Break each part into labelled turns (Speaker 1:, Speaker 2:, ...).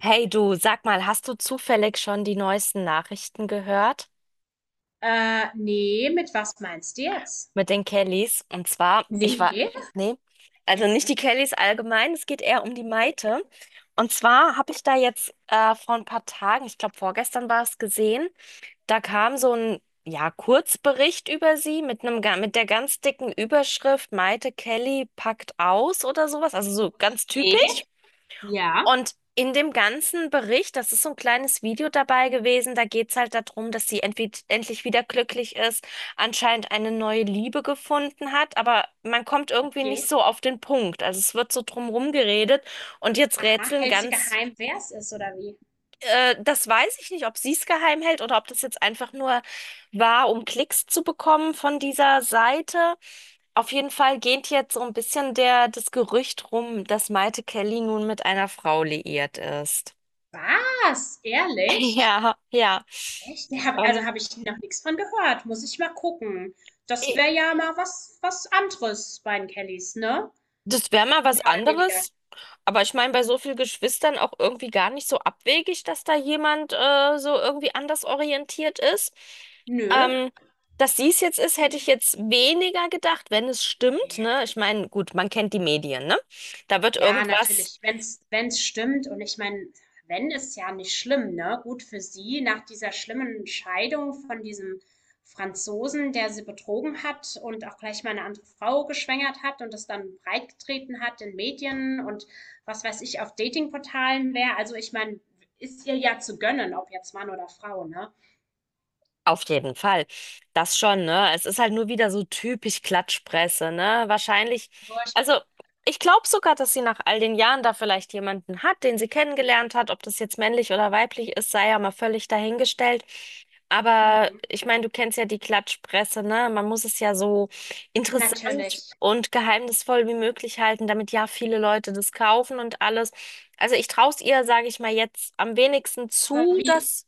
Speaker 1: Hey du, sag mal, hast du zufällig schon die neuesten Nachrichten gehört
Speaker 2: Ne, mit was meinst du jetzt?
Speaker 1: mit den Kellys? Und zwar,
Speaker 2: Ne.
Speaker 1: nee, also nicht die Kellys allgemein, es geht eher um die Maite. Und zwar habe ich da jetzt vor ein paar Tagen, ich glaube vorgestern war es gesehen, da kam so ein, ja, Kurzbericht über sie mit mit der ganz dicken Überschrift Maite Kelly packt aus oder sowas, also so ganz
Speaker 2: Ne,
Speaker 1: typisch.
Speaker 2: ja.
Speaker 1: Und in dem ganzen Bericht, das ist so ein kleines Video dabei gewesen, da geht's halt darum, dass sie endlich wieder glücklich ist, anscheinend eine neue Liebe gefunden hat, aber man kommt irgendwie nicht
Speaker 2: Okay.
Speaker 1: so auf den Punkt. Also es wird so drumherum geredet und jetzt
Speaker 2: Aha,
Speaker 1: rätseln
Speaker 2: hältst du
Speaker 1: ganz,
Speaker 2: geheim, wer es ist oder wie?
Speaker 1: äh, Das weiß ich nicht, ob sie es geheim hält oder ob das jetzt einfach nur war, um Klicks zu bekommen von dieser Seite. Auf jeden Fall geht jetzt so ein bisschen das Gerücht rum, dass Maite Kelly nun mit einer Frau liiert ist.
Speaker 2: Was? Ehrlich?
Speaker 1: Ja, ja.
Speaker 2: Echt? Ja, also
Speaker 1: Ähm,
Speaker 2: habe ich noch nichts von gehört. Muss ich mal gucken. Das wäre
Speaker 1: i-
Speaker 2: ja mal was anderes bei den Kellys, ne?
Speaker 1: Das wäre mal was
Speaker 2: Mehr oder weniger.
Speaker 1: anderes. Aber ich meine, bei so vielen Geschwistern auch irgendwie gar nicht so abwegig, dass da jemand so irgendwie anders orientiert ist.
Speaker 2: Nö.
Speaker 1: Ähm, dass dies jetzt ist, hätte
Speaker 2: Gut.
Speaker 1: ich jetzt weniger gedacht, wenn es stimmt,
Speaker 2: Ja.
Speaker 1: ne? Ich meine, gut, man kennt die Medien, ne? Da wird
Speaker 2: Ja,
Speaker 1: irgendwas
Speaker 2: natürlich, wenn's stimmt, und ich meine, wenn ist ja nicht schlimm, ne? Gut für sie nach dieser schlimmen Scheidung von diesem Franzosen, der sie betrogen hat und auch gleich mal eine andere Frau geschwängert hat und das dann breitgetreten hat in Medien und was weiß ich, auf Datingportalen wäre. Also, ich meine, ist ihr ja zu gönnen, ob jetzt Mann oder Frau, ne?
Speaker 1: Auf jeden Fall. Das schon, ne? Es ist halt nur wieder so typisch Klatschpresse, ne? Wahrscheinlich, also
Speaker 2: Furchtbar.
Speaker 1: Ich glaube sogar, dass sie nach all den Jahren da vielleicht jemanden hat, den sie kennengelernt hat. Ob das jetzt männlich oder weiblich ist, sei ja mal völlig dahingestellt. Aber
Speaker 2: Mhm.
Speaker 1: ich meine, du kennst ja die Klatschpresse, ne? Man muss es ja so interessant
Speaker 2: Natürlich.
Speaker 1: und geheimnisvoll wie möglich halten, damit ja viele Leute das kaufen und alles. Also ich traue es ihr, sage ich mal, jetzt am wenigsten
Speaker 2: Aber
Speaker 1: zu,
Speaker 2: wie
Speaker 1: dass.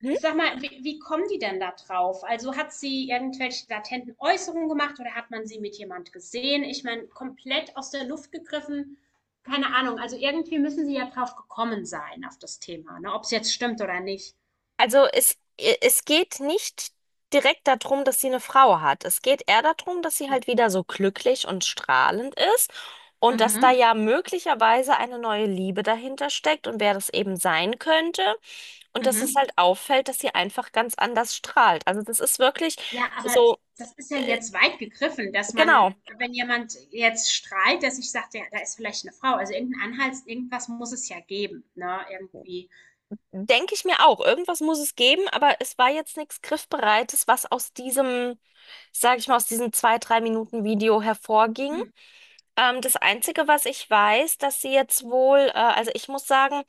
Speaker 1: hm,
Speaker 2: Sag mal, wie kommen die denn da drauf? Also hat sie irgendwelche latenten Äußerungen gemacht oder hat man sie mit jemand gesehen? Ich meine, komplett aus der Luft gegriffen. Keine Ahnung. Also irgendwie müssen sie ja drauf gekommen sein auf das Thema, ne? Ob es jetzt stimmt oder nicht.
Speaker 1: Also es geht nicht direkt darum, dass sie eine Frau hat. Es geht eher darum, dass sie halt wieder so glücklich und strahlend ist und dass da
Speaker 2: Mhm,
Speaker 1: ja möglicherweise eine neue Liebe dahinter steckt und wer das eben sein könnte. Und dass es
Speaker 2: mhm.
Speaker 1: halt auffällt, dass sie einfach ganz anders strahlt. Also das ist wirklich
Speaker 2: Ja, aber
Speaker 1: so,
Speaker 2: das ist ja jetzt weit gegriffen,
Speaker 1: genau,
Speaker 2: wenn jemand jetzt strahlt, dass ich sage, ja, da ist vielleicht eine Frau. Also irgendein Anhalt, irgendwas muss es ja geben, ne? Irgendwie.
Speaker 1: denke ich mir auch. Irgendwas muss es geben, aber es war jetzt nichts Griffbereites, was aus diesem, sage ich mal, aus diesem zwei, drei Minuten Video hervorging.
Speaker 2: Hm.
Speaker 1: Das Einzige, was ich weiß, dass sie jetzt wohl, also ich muss sagen,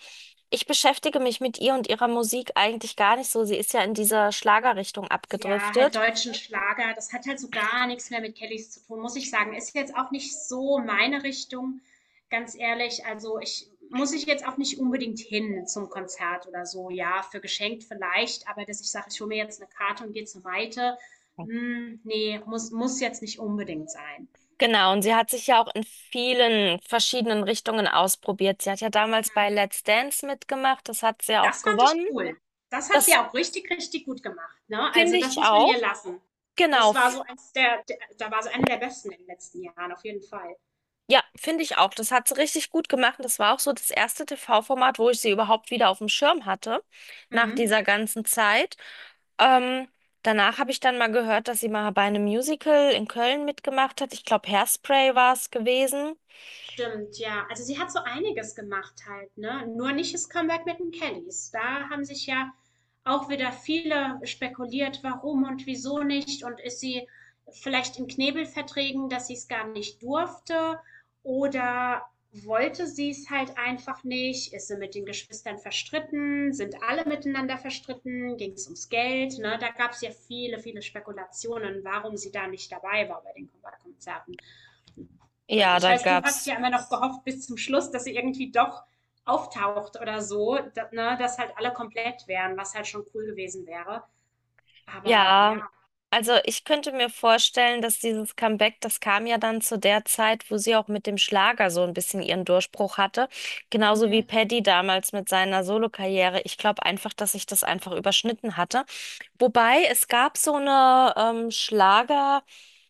Speaker 1: ich beschäftige mich mit ihr und ihrer Musik eigentlich gar nicht so. Sie ist ja in dieser Schlagerrichtung
Speaker 2: Ja, halt
Speaker 1: abgedriftet.
Speaker 2: deutschen Schlager, das hat halt so gar nichts mehr mit Kellys zu tun, muss ich sagen. Ist jetzt auch nicht so meine Richtung, ganz ehrlich. Also, ich muss ich jetzt auch nicht unbedingt hin zum Konzert oder so. Ja, für geschenkt vielleicht, aber dass ich sage, ich hole mir jetzt eine Karte und gehe zu Maite, hm, ne, muss jetzt nicht unbedingt sein.
Speaker 1: Genau, und sie hat sich ja auch in vielen verschiedenen Richtungen ausprobiert. Sie hat ja damals bei
Speaker 2: Mhm.
Speaker 1: Let's Dance mitgemacht, das hat sie ja
Speaker 2: Das
Speaker 1: auch
Speaker 2: fand ich
Speaker 1: gewonnen.
Speaker 2: cool. Das hat sie
Speaker 1: Das
Speaker 2: auch richtig, richtig gut gemacht, ne? Also,
Speaker 1: finde
Speaker 2: das
Speaker 1: ich
Speaker 2: muss man
Speaker 1: auch.
Speaker 2: ihr lassen.
Speaker 1: Genau,
Speaker 2: Das war so
Speaker 1: f-
Speaker 2: eins der da war so eine der besten in den letzten Jahren, auf jeden Fall.
Speaker 1: ja, finde ich auch. Das hat sie richtig gut gemacht. Und das war auch so das erste TV-Format, wo ich sie überhaupt wieder auf dem Schirm hatte, nach
Speaker 2: Mhm.
Speaker 1: dieser ganzen Zeit. Ähm, Danach habe ich dann mal gehört, dass sie mal bei einem Musical in Köln mitgemacht hat. Ich glaube, Hairspray war es gewesen.
Speaker 2: Stimmt, ja. Also sie hat so einiges gemacht halt, ne? Nur nicht das Comeback mit den Kellys. Da haben sich ja auch wieder viele spekuliert, warum und wieso nicht. Und ist sie vielleicht in Knebelverträgen, dass sie es gar nicht durfte? Oder wollte sie es halt einfach nicht? Ist sie mit den Geschwistern verstritten? Sind alle miteinander verstritten? Ging es ums Geld? Ne? Da gab es ja viele, viele Spekulationen, warum sie da nicht dabei war bei den Comeback-Konzerten. Und
Speaker 1: Ja,
Speaker 2: ich
Speaker 1: da
Speaker 2: weiß, du hast
Speaker 1: gab's.
Speaker 2: ja immer noch gehofft bis zum Schluss, dass sie irgendwie doch auftaucht oder so, dass, ne, dass halt alle komplett wären, was halt schon cool gewesen wäre. Aber
Speaker 1: Ja,
Speaker 2: ja.
Speaker 1: also ich könnte mir vorstellen, dass dieses Comeback, das kam ja dann zu der Zeit, wo sie auch mit dem Schlager so ein bisschen ihren Durchbruch hatte. Genauso wie
Speaker 2: Mhm.
Speaker 1: Paddy damals mit seiner Solokarriere. Ich glaube einfach, dass sich das einfach überschnitten hatte. Wobei es gab so eine Schlager.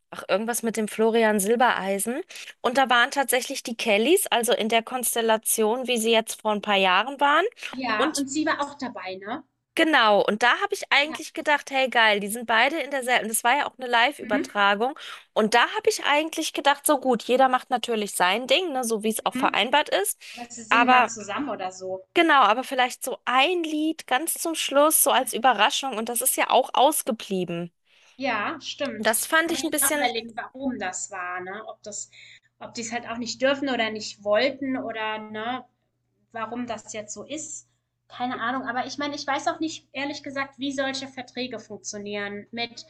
Speaker 1: Ach, irgendwas mit dem Florian Silbereisen. Und da waren tatsächlich die Kellys, also in der Konstellation, wie sie jetzt vor ein paar Jahren waren.
Speaker 2: Ja,
Speaker 1: Und
Speaker 2: und sie war auch dabei, ne?
Speaker 1: genau, und da habe ich
Speaker 2: Ja.
Speaker 1: eigentlich gedacht, hey geil, die sind beide in derselben. Das war ja auch eine
Speaker 2: Mhm.
Speaker 1: Live-Übertragung. Und da habe ich eigentlich gedacht, so gut, jeder macht natürlich sein Ding, ne, so wie es auch
Speaker 2: Mhm.
Speaker 1: vereinbart ist.
Speaker 2: Aber sie singen mal
Speaker 1: Aber
Speaker 2: zusammen oder so.
Speaker 1: genau, aber vielleicht so ein Lied ganz zum Schluss, so als Überraschung. Und das ist ja auch ausgeblieben.
Speaker 2: Ja,
Speaker 1: Und Das
Speaker 2: stimmt.
Speaker 1: fand
Speaker 2: Kann man
Speaker 1: ich ein
Speaker 2: jetzt auch
Speaker 1: bisschen
Speaker 2: überlegen, warum das war, ne? Ob die es halt auch nicht dürfen oder nicht wollten, oder ne, warum das jetzt so ist. Keine Ahnung. Aber ich meine, ich weiß auch nicht, ehrlich gesagt, wie solche Verträge funktionieren mit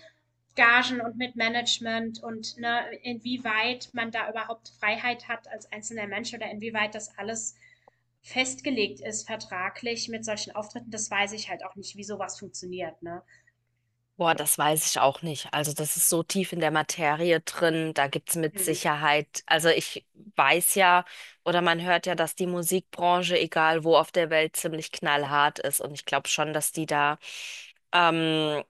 Speaker 2: Gagen und mit Management und ne, inwieweit man da überhaupt Freiheit hat als einzelner Mensch oder inwieweit das alles festgelegt ist vertraglich mit solchen Auftritten. Das weiß ich halt auch nicht, wie sowas funktioniert, ne?
Speaker 1: Boah, das weiß ich auch nicht. Also das ist so tief in der Materie drin, da gibt's mit
Speaker 2: Hm.
Speaker 1: Sicherheit, also ich weiß ja oder man hört ja, dass die Musikbranche, egal wo auf der Welt, ziemlich knallhart ist. Und ich glaube schon, dass die da ähm,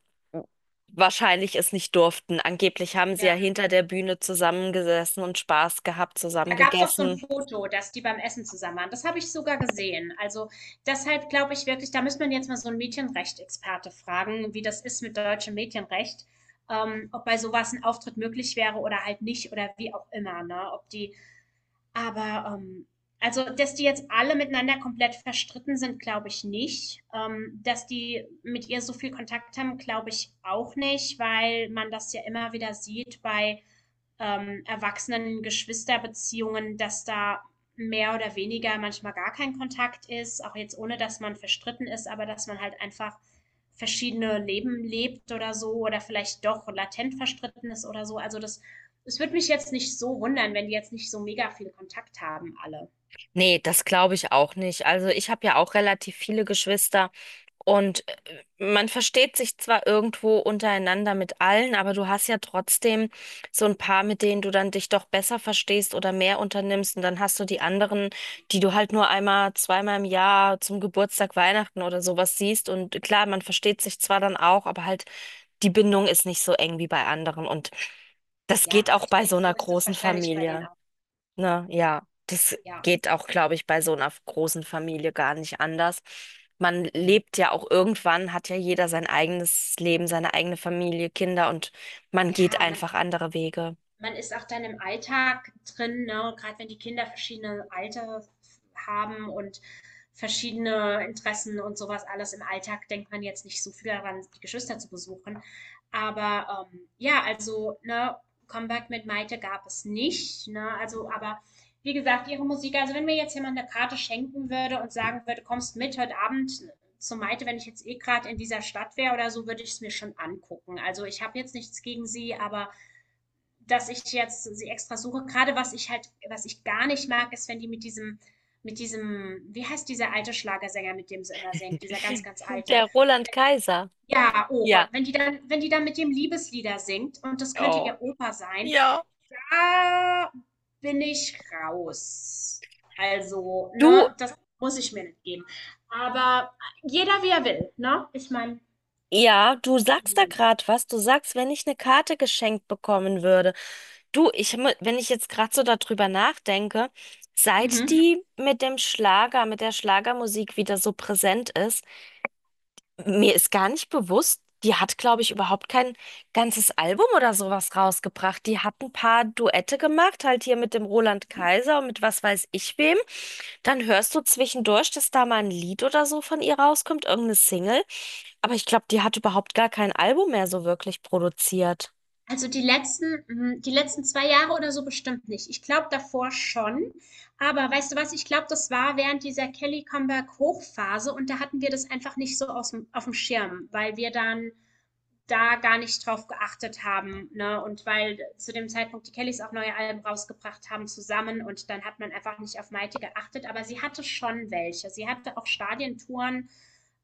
Speaker 1: wahrscheinlich es nicht durften. Angeblich haben sie ja
Speaker 2: Ja.
Speaker 1: hinter der Bühne zusammengesessen und Spaß gehabt, zusammen
Speaker 2: Da gab's auch so ein
Speaker 1: gegessen.
Speaker 2: Foto, dass die beim Essen zusammen waren. Das habe ich sogar gesehen. Also, deshalb glaube ich wirklich, da müsste man jetzt mal so 'n Medienrechtsexperte fragen, wie das ist mit deutschem Medienrecht, ob bei sowas ein Auftritt möglich wäre oder halt nicht oder wie auch immer, ne? Aber, ähm also, dass die jetzt alle miteinander komplett verstritten sind, glaube ich nicht. Dass die mit ihr so viel Kontakt haben, glaube ich auch nicht, weil man das ja immer wieder sieht bei erwachsenen Geschwisterbeziehungen, dass da mehr oder weniger manchmal gar kein Kontakt ist, auch jetzt ohne, dass man verstritten ist, aber dass man halt einfach verschiedene Leben lebt oder so oder vielleicht doch latent verstritten ist oder so. Es würde mich jetzt nicht so wundern, wenn die jetzt nicht so mega viel Kontakt haben, alle.
Speaker 1: Nee, das glaube ich auch nicht. Also ich habe ja auch relativ viele Geschwister und man versteht sich zwar irgendwo untereinander mit allen, aber du hast ja trotzdem so ein paar, mit denen du dann dich doch besser verstehst oder mehr unternimmst und dann hast du die anderen, die du halt nur einmal, zweimal im Jahr zum Geburtstag, Weihnachten oder sowas siehst und klar, man versteht sich zwar dann auch, aber halt die Bindung ist nicht so eng wie bei anderen und das geht
Speaker 2: Ja,
Speaker 1: auch
Speaker 2: ich
Speaker 1: bei
Speaker 2: denke,
Speaker 1: so
Speaker 2: so
Speaker 1: einer
Speaker 2: ist das
Speaker 1: großen
Speaker 2: wahrscheinlich bei denen
Speaker 1: Familie.
Speaker 2: auch.
Speaker 1: Ne? Ja, das
Speaker 2: Ja,
Speaker 1: geht auch, glaube ich, bei so einer großen Familie gar nicht anders. Man
Speaker 2: nee.
Speaker 1: lebt ja auch irgendwann, hat ja jeder sein eigenes Leben, seine eigene Familie, Kinder und man geht
Speaker 2: Ja,
Speaker 1: einfach andere Wege.
Speaker 2: man ist auch dann im Alltag drin, ne? Gerade wenn die Kinder verschiedene Alter haben und verschiedene Interessen und sowas alles. Im Alltag denkt man jetzt nicht so viel daran, die Geschwister zu besuchen. Aber ja, also, ne, Comeback mit Maite gab es nicht, ne? Also, aber wie gesagt, ihre Musik, also wenn mir jetzt jemand eine Karte schenken würde und sagen würde, kommst mit heute Abend zu Maite, wenn ich jetzt eh gerade in dieser Stadt wäre oder so, würde ich es mir schon angucken. Also ich habe jetzt nichts gegen sie, aber dass ich jetzt sie extra suche. Gerade was ich halt, was ich gar nicht mag, ist, wenn die mit diesem, wie heißt dieser alte Schlagersänger, mit dem sie immer singt, dieser ganz, ganz alte.
Speaker 1: Der Roland Kaiser.
Speaker 2: Ja, oh Gott,
Speaker 1: Ja.
Speaker 2: wenn die dann mit dem Liebeslieder singt und das könnte
Speaker 1: Oh,
Speaker 2: ihr Opa sein,
Speaker 1: ja.
Speaker 2: da bin ich raus. Also,
Speaker 1: Du,
Speaker 2: ne, das muss ich mir nicht geben. Aber jeder wie er will, ne? Ich meine.
Speaker 1: ja, du sagst da
Speaker 2: Mhm.
Speaker 1: gerade was. Du sagst, wenn ich eine Karte geschenkt bekommen würde. Wenn ich jetzt gerade so darüber nachdenke, seit
Speaker 2: Mhm.
Speaker 1: die mit dem Schlager, mit der Schlagermusik wieder so präsent ist, mir ist gar nicht bewusst, die hat, glaube ich, überhaupt kein ganzes Album oder sowas rausgebracht. Die hat ein paar Duette gemacht, halt hier mit dem Roland Kaiser und mit was weiß ich wem. Dann hörst du zwischendurch, dass da mal ein Lied oder so von ihr rauskommt, irgendeine Single. Aber ich glaube, die hat überhaupt gar kein Album mehr so wirklich produziert.
Speaker 2: Also die letzten, hm, die letzten 2 Jahre oder so bestimmt nicht. Ich glaube davor schon. Aber weißt du was, ich glaube, das war während dieser Kelly-Comeback-Hochphase und da hatten wir das einfach nicht so auf dem Schirm, weil wir dann da gar nicht drauf geachtet haben. Ne? Und weil zu dem Zeitpunkt die Kellys auch neue Alben rausgebracht haben zusammen und dann hat man einfach nicht auf Maite geachtet. Aber sie hatte schon welche. Sie hatte auch Stadientouren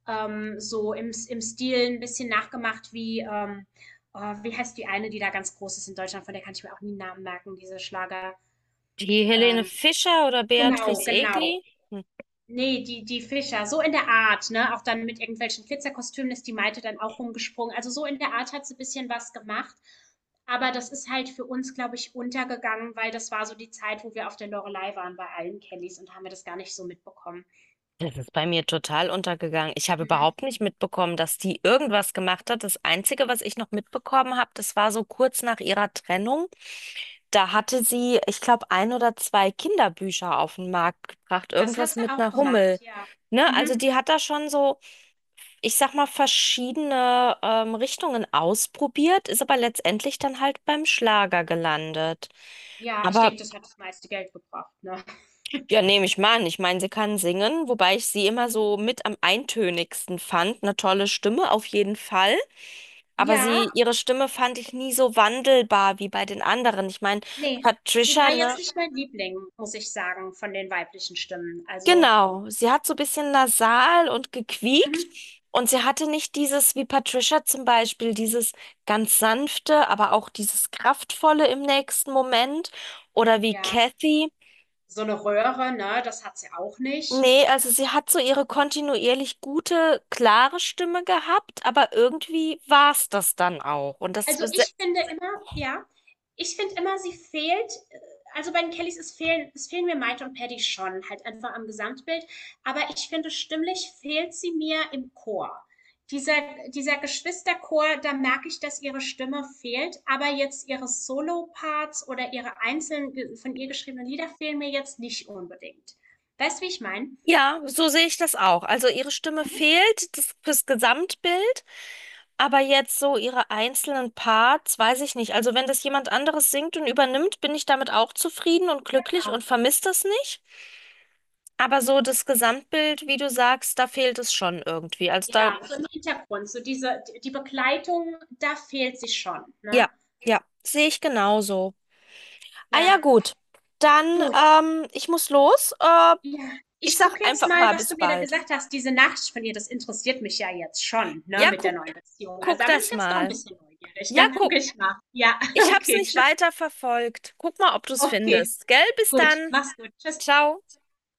Speaker 2: so im Stil ein bisschen nachgemacht wie, oh, wie heißt die eine, die da ganz groß ist in Deutschland, von der kann ich mir auch nie einen Namen merken, diese Schlager.
Speaker 1: Die Helene
Speaker 2: Ähm,
Speaker 1: Fischer oder
Speaker 2: genau,
Speaker 1: Beatrice
Speaker 2: genau.
Speaker 1: Egli?
Speaker 2: Nee, die Fischer, so in der Art, ne? Auch dann mit irgendwelchen Glitzerkostümen ist die Maite dann auch rumgesprungen. Also, so in der Art hat sie ein bisschen was gemacht, aber das ist halt für uns, glaube ich, untergegangen, weil das war so die Zeit, wo wir auf der Loreley waren bei allen Kellys und haben wir das gar nicht so mitbekommen.
Speaker 1: Das ist bei mir total untergegangen. Ich habe
Speaker 2: Mhm.
Speaker 1: überhaupt nicht mitbekommen, dass die irgendwas gemacht hat. Das Einzige, was ich noch mitbekommen habe, das war so kurz nach ihrer Trennung. Da hatte sie, ich glaube, ein oder zwei Kinderbücher auf den Markt gebracht.
Speaker 2: Das hat
Speaker 1: Irgendwas
Speaker 2: sie
Speaker 1: mit
Speaker 2: auch
Speaker 1: einer
Speaker 2: gemacht,
Speaker 1: Hummel.
Speaker 2: ja.
Speaker 1: Ne? Also
Speaker 2: Mhm.
Speaker 1: die hat da schon so, ich sag mal, verschiedene Richtungen ausprobiert, ist aber letztendlich dann halt beim Schlager gelandet.
Speaker 2: Ja, ich
Speaker 1: Aber
Speaker 2: denke, das hat das meiste Geld gebracht, ne?
Speaker 1: Ja, nehme ich mal an. Ich meine, sie kann singen, wobei ich sie immer so mit am eintönigsten fand. Eine tolle Stimme auf jeden Fall. Aber
Speaker 2: Ja,
Speaker 1: sie, ihre Stimme fand ich nie so wandelbar wie bei den anderen. Ich meine,
Speaker 2: ne, sie
Speaker 1: Patricia,
Speaker 2: war
Speaker 1: ne?
Speaker 2: jetzt nicht mein Liebling, muss ich sagen, von den weiblichen Stimmen. Also
Speaker 1: Genau, sie hat so ein bisschen nasal und gequiekt.
Speaker 2: mhm,
Speaker 1: Und sie hatte nicht dieses, wie Patricia zum Beispiel, dieses ganz sanfte, aber auch dieses kraftvolle im nächsten Moment. Oder wie
Speaker 2: ja,
Speaker 1: Kathy.
Speaker 2: so eine Röhre, ne, das hat sie auch nicht.
Speaker 1: Nee, also sie hat so ihre kontinuierlich gute, klare Stimme gehabt, aber irgendwie war es das dann auch. Und das,
Speaker 2: Also, ich finde immer ja, ich finde immer, sie fehlt also, bei den Kellys es fehlen mir Maite und Paddy schon, halt einfach am Gesamtbild. Aber ich finde, stimmlich fehlt sie mir im Chor. Dieser Dieser Geschwisterchor, da merke ich, dass ihre Stimme fehlt, aber jetzt ihre Solo-Parts oder ihre einzelnen von ihr geschriebenen Lieder fehlen mir jetzt nicht unbedingt. Weißt du, wie ich meine?
Speaker 1: ja, so sehe ich das auch. Also ihre Stimme
Speaker 2: Mhm,
Speaker 1: fehlt das fürs Gesamtbild, aber jetzt so ihre einzelnen Parts, weiß ich nicht. Also wenn das jemand anderes singt und übernimmt, bin ich damit auch zufrieden und glücklich
Speaker 2: genau.
Speaker 1: und vermisse das nicht. Aber so das Gesamtbild, wie du sagst, da fehlt es schon irgendwie. Also da,
Speaker 2: Ja, so im Hintergrund, so diese die Begleitung, da fehlt sie schon,
Speaker 1: ja,
Speaker 2: ne?
Speaker 1: ja, sehe ich genauso. Ah ja,
Speaker 2: Ja.
Speaker 1: gut. Dann,
Speaker 2: Du,
Speaker 1: ähm, ich muss los.
Speaker 2: ja,
Speaker 1: Ich
Speaker 2: ich
Speaker 1: sag
Speaker 2: gucke jetzt
Speaker 1: einfach
Speaker 2: mal,
Speaker 1: mal
Speaker 2: was
Speaker 1: bis
Speaker 2: du mir da
Speaker 1: bald.
Speaker 2: gesagt hast. Diese Nachricht von ihr, das interessiert mich ja jetzt schon, ne,
Speaker 1: Ja,
Speaker 2: mit der
Speaker 1: guck,
Speaker 2: neuen Beziehung. Also,
Speaker 1: guck
Speaker 2: da bin ich
Speaker 1: das
Speaker 2: jetzt doch ein
Speaker 1: mal.
Speaker 2: bisschen neugierig.
Speaker 1: Ja,
Speaker 2: Da
Speaker 1: guck.
Speaker 2: gucke ich mal. Ja,
Speaker 1: Ich hab's
Speaker 2: okay,
Speaker 1: nicht
Speaker 2: tschüss.
Speaker 1: weiter verfolgt. Guck mal, ob du's
Speaker 2: Okay,
Speaker 1: findest. Gell? Bis
Speaker 2: gut.
Speaker 1: dann.
Speaker 2: Mach's gut. Tschüss.
Speaker 1: Ciao.